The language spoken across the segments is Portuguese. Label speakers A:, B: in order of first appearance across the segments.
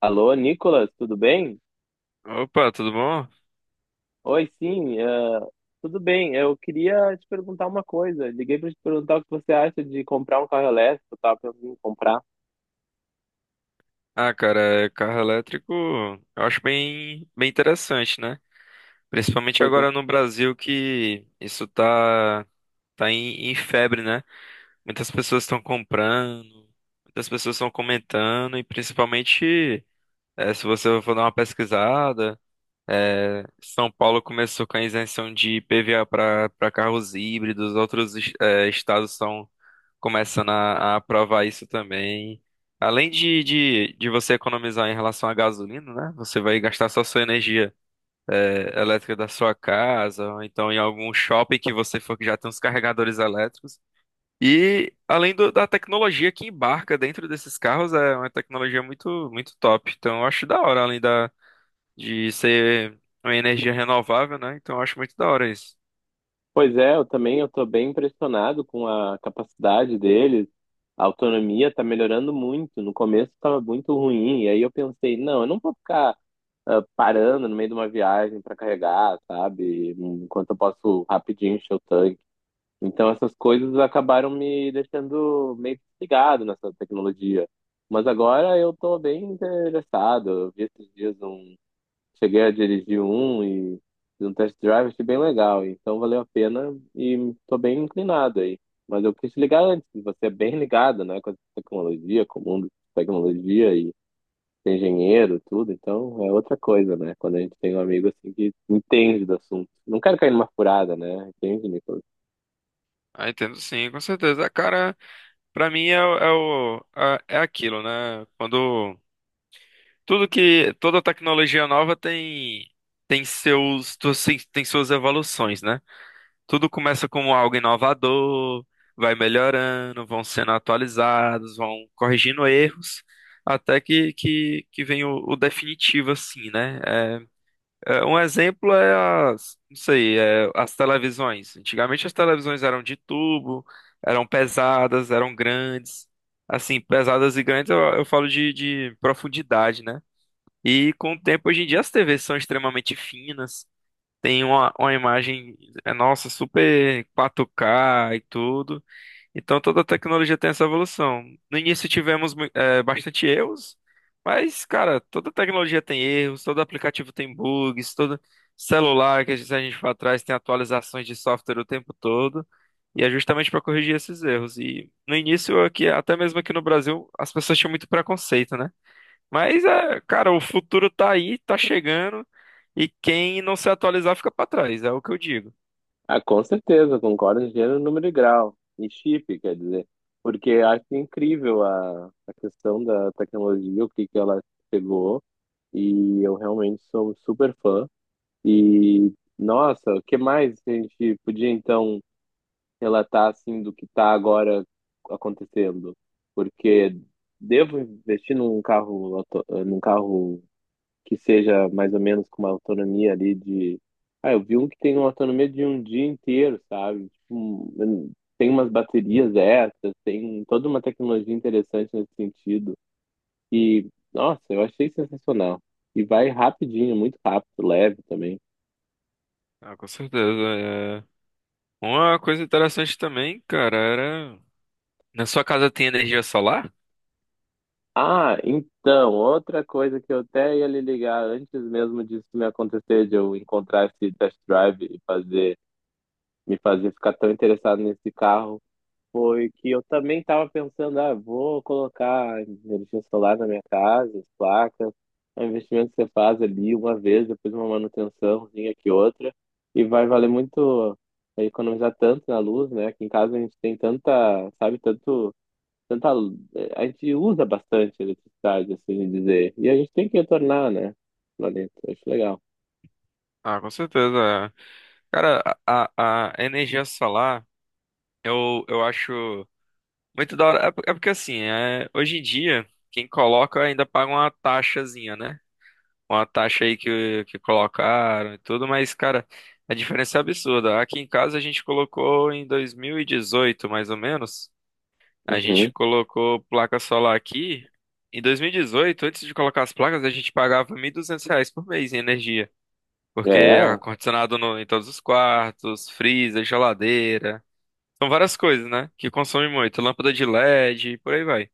A: Alô, Nicolas, tudo bem?
B: Opa, tudo bom?
A: Oi, sim, tudo bem. Eu queria te perguntar uma coisa. Liguei para te perguntar o que você acha de comprar um carro elétrico. Eu tava pensando em comprar.
B: Ah, cara, carro elétrico eu acho bem interessante, né? Principalmente
A: Pois é.
B: agora no Brasil que isso tá em febre, né? Muitas pessoas estão comprando, muitas pessoas estão comentando e principalmente se você for dar uma pesquisada, São Paulo começou com a isenção de IPVA para carros híbridos, outros estados estão começando a aprovar isso também. Além de você economizar em relação à gasolina, né? Você vai gastar só sua energia elétrica da sua casa, ou então em algum shopping que você for que já tem os carregadores elétricos. E da tecnologia que embarca dentro desses carros, é uma tecnologia muito, muito top. Então eu acho da hora, de ser uma energia renovável, né? Então eu acho muito da hora isso.
A: Pois é, eu também eu tô bem impressionado com a capacidade deles. A autonomia tá melhorando muito. No começo estava muito ruim, e aí eu pensei, não, eu não vou ficar parando no meio de uma viagem para carregar, sabe? Enquanto eu posso rapidinho encher o tanque. Então essas coisas acabaram me deixando meio desligado nessa tecnologia. Mas agora eu tô bem interessado. Eu vi esses dias um, cheguei a dirigir um e fiz um test drive, achei bem legal. Então valeu a pena e tô bem inclinado aí. Mas eu quis te ligar antes, que você é bem ligado, né, com a tecnologia, com o mundo de tecnologia e ser engenheiro, tudo. Então é outra coisa, né? Quando a gente tem um amigo assim que entende do assunto. Não quero cair numa furada, né? Entende, Nicolas?
B: Ah, entendo sim, com certeza. Cara, pra mim é aquilo, né? Quando tudo que toda tecnologia nova tem tem suas evoluções, né? Tudo começa como algo inovador, vai melhorando, vão sendo atualizados, vão corrigindo erros, até que vem o definitivo assim, né? Um exemplo é não sei, as televisões. Antigamente as televisões eram de tubo, eram pesadas, eram grandes. Assim, pesadas e grandes eu falo de profundidade, né? E com o tempo, hoje em dia, as TVs são extremamente finas, tem uma imagem, nossa, super 4K e tudo. Então toda tecnologia tem essa evolução. No início tivemos bastante erros, mas, cara, toda tecnologia tem erros, todo aplicativo tem bugs, todo celular que se a gente for atrás tem atualizações de software o tempo todo. E é justamente para corrigir esses erros. E no início, aqui, até mesmo aqui no Brasil, as pessoas tinham muito preconceito, né? Mas, cara, o futuro tá aí, tá chegando, e quem não se atualizar fica para trás, é o que eu digo.
A: Ah, com certeza, concordo em gênero, número e grau. E chip, quer dizer. Porque acho incrível a questão da tecnologia, o que ela pegou. E eu realmente sou super fã. E nossa, o que mais que a gente podia, então, relatar, assim, do que está agora acontecendo? Porque devo investir num carro, num carro que seja mais ou menos com uma autonomia ali de. Ah, eu vi um que tem uma autonomia de um dia inteiro, sabe? Tipo, tem umas baterias extras, tem toda uma tecnologia interessante nesse sentido. E nossa, eu achei sensacional. E vai rapidinho, muito rápido, leve também.
B: Ah, com certeza. Uma coisa interessante também, cara, era. Na sua casa tem energia solar?
A: Ah, então, outra coisa que eu até ia lhe ligar antes mesmo disso me acontecer, de eu encontrar esse test drive e me fazer ficar tão interessado nesse carro, foi que eu também estava pensando, ah, vou colocar energia solar na minha casa, as placas, é um investimento que você faz ali uma vez, depois uma manutençãozinha que outra, e vai valer muito, é, economizar tanto na luz, né? Aqui em casa a gente tem tanta, sabe, tanto, tanta, a gente usa bastante eletricidade, assim dizer, e a gente tem que retornar, né? Planeta, eu acho legal.
B: Ah, com certeza. É. Cara, a energia solar, eu acho muito da hora. É porque assim, hoje em dia, quem coloca ainda paga uma taxazinha, né? Uma taxa aí que colocaram e tudo, mas, cara, a diferença é absurda. Aqui em casa a gente colocou em 2018, mais ou menos. A gente
A: Uhum.
B: colocou placa solar aqui. Em 2018, antes de colocar as placas, a gente pagava 1.200 reais por mês em energia. Porque
A: É,
B: ar-condicionado no- em todos os quartos, freezer, geladeira. São várias coisas, né? Que consomem muito. Lâmpada de LED, por aí vai.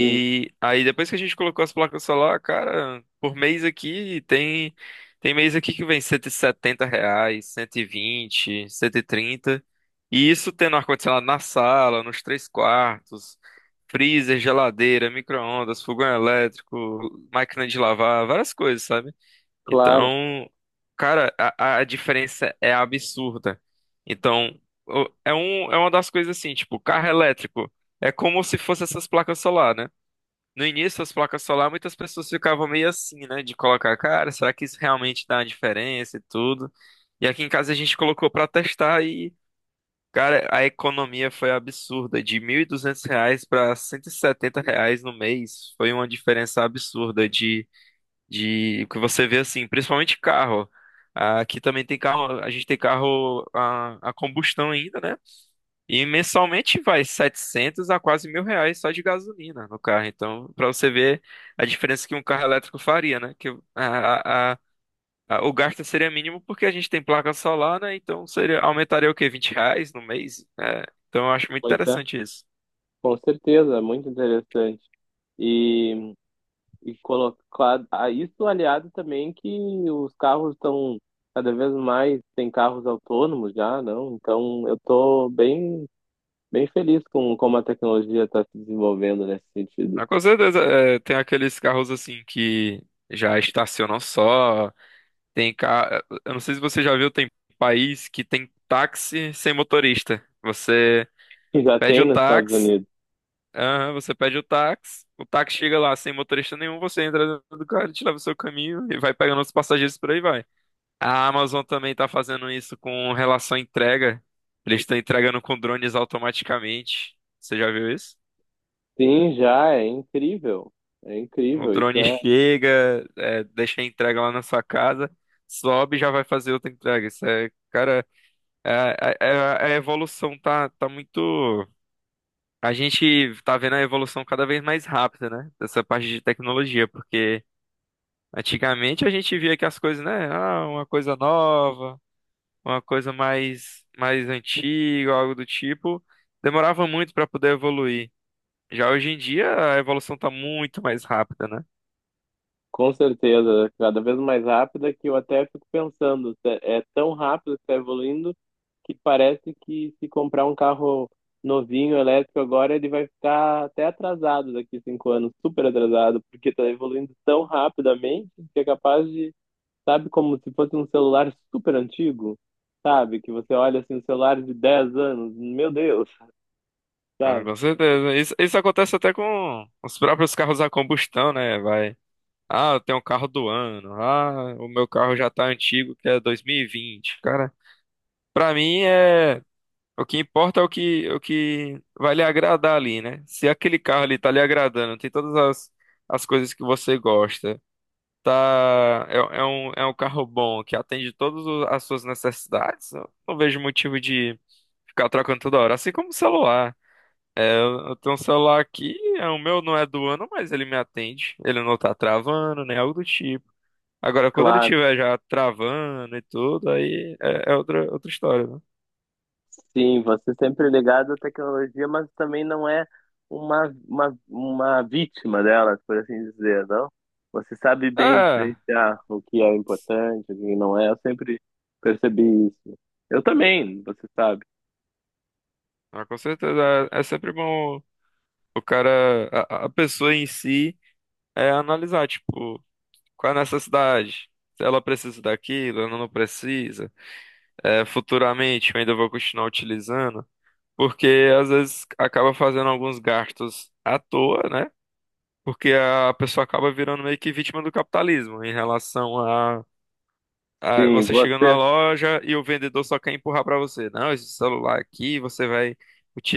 A: sim,
B: aí depois que a gente colocou as placas solar, cara, por mês aqui tem tem mês aqui que vem 170 reais, 120, 130. E trinta. E isso tendo ar-condicionado na sala, nos 3 quartos, freezer, geladeira, micro-ondas, fogão elétrico, máquina de lavar, várias coisas, sabe?
A: claro,
B: Então, cara, a diferença é absurda. Então, é uma das coisas assim, tipo, carro elétrico é como se fosse essas placas solar, né? No início, as placas solar, muitas pessoas ficavam meio assim, né? De colocar, cara, será que isso realmente dá uma diferença e tudo? E aqui em casa a gente colocou pra testar e, cara, a economia foi absurda. De 1.200 reais para 170 reais no mês, foi uma diferença absurda de o que você vê assim, principalmente carro. Aqui também tem carro, a gente tem carro a combustão ainda, né? E mensalmente vai 700 a quase 1.000 reais só de gasolina no carro. Então, para você ver a diferença que um carro elétrico faria, né? Que a, a, o gasto seria mínimo porque a gente tem placa solar, né? Então seria, aumentaria o quê? 20 reais no mês? É, então eu acho muito
A: pois é,
B: interessante isso.
A: com certeza, muito interessante. E colocar a isso aliado também que os carros estão cada vez mais tem carros autônomos já, não? Então eu tô bem feliz com como a tecnologia está se desenvolvendo nesse sentido.
B: Mas, com certeza, é, tem aqueles carros assim que já estacionam só. Eu não sei se você já viu, tem país que tem táxi sem motorista. Você
A: E já
B: pede
A: tem
B: o
A: nos Estados
B: táxi,
A: Unidos.
B: aham, você pede o táxi chega lá sem motorista nenhum, você entra dentro do carro, te leva o seu caminho e vai pegando os passageiros por aí vai. A Amazon também tá fazendo isso com relação à entrega. Eles estão entregando com drones automaticamente. Você já viu isso?
A: Sim, já é incrível. É
B: O
A: incrível, isso
B: drone
A: é.
B: chega, é, deixa a entrega lá na sua casa, sobe e já vai fazer outra entrega. Isso é, cara, a evolução tá muito. A gente tá vendo a evolução cada vez mais rápida, né? Dessa parte de tecnologia, porque antigamente a gente via que as coisas, né? Ah, uma coisa nova, uma coisa mais antiga, algo do tipo, demorava muito para poder evoluir. Já hoje em dia a evolução tá muito mais rápida, né?
A: Com certeza, cada vez mais rápida que eu até fico pensando, é tão rápido que está evoluindo que parece que se comprar um carro novinho, elétrico agora, ele vai ficar até atrasado daqui 5 anos, super atrasado, porque está evoluindo tão rapidamente que é capaz de, sabe, como se fosse um celular super antigo, sabe? Que você olha assim, um celular de 10 anos, meu Deus,
B: Ah,
A: sabe?
B: com certeza. Isso acontece até com os próprios carros a combustão, né? Vai. Ah, eu tenho um carro do ano. Ah, o meu carro já tá antigo, que é 2020. Cara, pra mim é. O que importa é o que vai lhe agradar ali, né? Se aquele carro ali tá lhe agradando, tem todas as coisas que você gosta, tá. É, é um carro bom, que atende as suas necessidades. Eu não vejo motivo de ficar trocando toda hora. Assim como o celular. Eu tenho um celular aqui, é, o meu não é do ano, mas ele me atende. Ele não tá travando, nem algo do tipo. Agora, quando ele
A: Claro.
B: tiver já travando e tudo, aí é outra história, né?
A: Sim, você sempre ligado à tecnologia, mas também não é uma vítima delas, por assim dizer, não? Você sabe bem
B: É,
A: diferenciar o que é importante, o que não é. Eu sempre percebi isso. Eu também, você sabe.
B: ah, com certeza. É, é sempre bom o cara, a pessoa em si, é analisar, tipo, qual é a necessidade. Se ela precisa daquilo, ela não precisa. É, futuramente eu ainda vou continuar utilizando. Porque às vezes acaba fazendo alguns gastos à toa, né? Porque a pessoa acaba virando meio que vítima do capitalismo em relação a. Ah,
A: Sim,
B: você
A: você
B: chega numa
A: é,
B: loja e o vendedor só quer empurrar pra você. Não, esse celular aqui você vai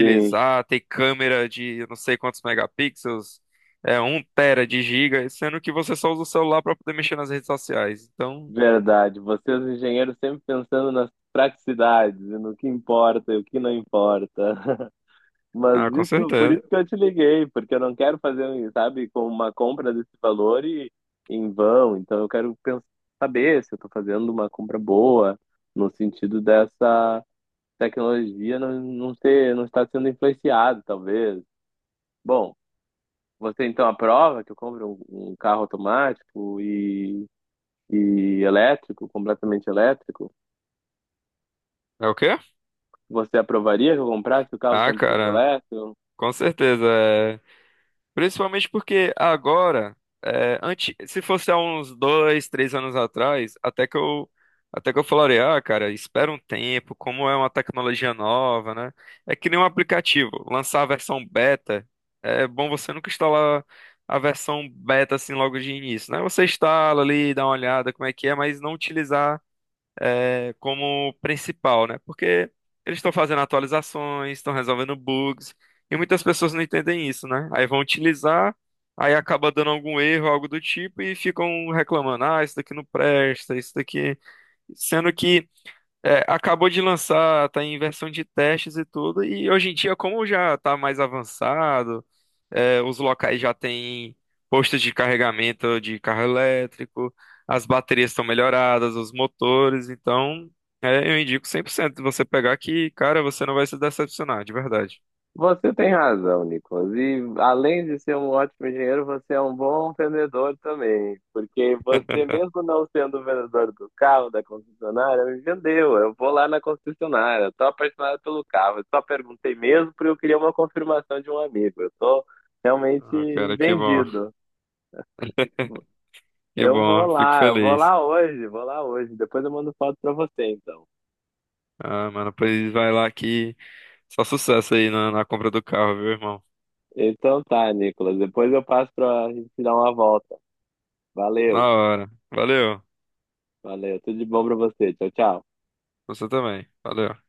A: sim.
B: tem câmera de não sei quantos megapixels, é um tera de giga, sendo que você só usa o celular pra poder mexer nas redes sociais. Então,
A: Verdade. Vocês, engenheiros, sempre pensando nas praticidades, e no que importa e o que não importa. Mas
B: ah, com
A: isso, por
B: certeza.
A: isso que eu te liguei, porque eu não quero fazer, sabe, com uma compra desse valor e em vão. Então eu quero saber se eu estou fazendo uma compra boa, no sentido dessa tecnologia não ser, não estar sendo influenciado, talvez. Bom, você então aprova que eu compre um carro automático e elétrico, completamente elétrico?
B: É o quê?
A: Você aprovaria que eu comprasse o carro
B: Ah,
A: 100%
B: cara,
A: elétrico?
B: com certeza. É. Principalmente porque agora, é, antes, se fosse há uns 2, 3 anos atrás, até que eu falaria, ah, cara, espera um tempo, como é uma tecnologia nova, né? É que nem um aplicativo, lançar a versão beta, é bom você nunca instalar a versão beta assim logo de início, né? Você instala ali, dá uma olhada como é que é, mas não utilizar é, como principal, né? Porque eles estão fazendo atualizações, estão resolvendo bugs, e muitas pessoas não entendem isso, né? Aí vão utilizar, aí acaba dando algum erro, algo do tipo, e ficam reclamando, ah, isso daqui não presta, isso daqui. Sendo que é, acabou de lançar, tá em versão de testes e tudo, e hoje em dia, como já tá mais avançado, é, os locais já têm postos de carregamento de carro elétrico, as baterias estão melhoradas, os motores, então é, eu indico 100% você pegar que, cara, você não vai se decepcionar, de verdade.
A: Você tem razão, Nicolas. E além de ser um ótimo engenheiro, você é um bom vendedor também. Porque você, mesmo não sendo o vendedor do carro, da concessionária, me vendeu. Eu vou lá na concessionária, estou apaixonado pelo carro. Eu só perguntei mesmo porque eu queria uma confirmação de um amigo. Eu estou
B: Ah,
A: realmente
B: cara,
A: vendido.
B: que
A: Eu vou
B: bom, fico
A: lá,
B: feliz.
A: vou lá hoje. Depois eu mando foto para você, então.
B: Ah, mano, pois vai lá que só sucesso aí na na compra do carro, viu, irmão?
A: Então tá, Nicolas. Depois eu passo para a gente dar uma volta.
B: Na
A: Valeu.
B: hora. Valeu.
A: Valeu, tudo de bom pra você. Tchau, tchau.
B: Você também. Valeu.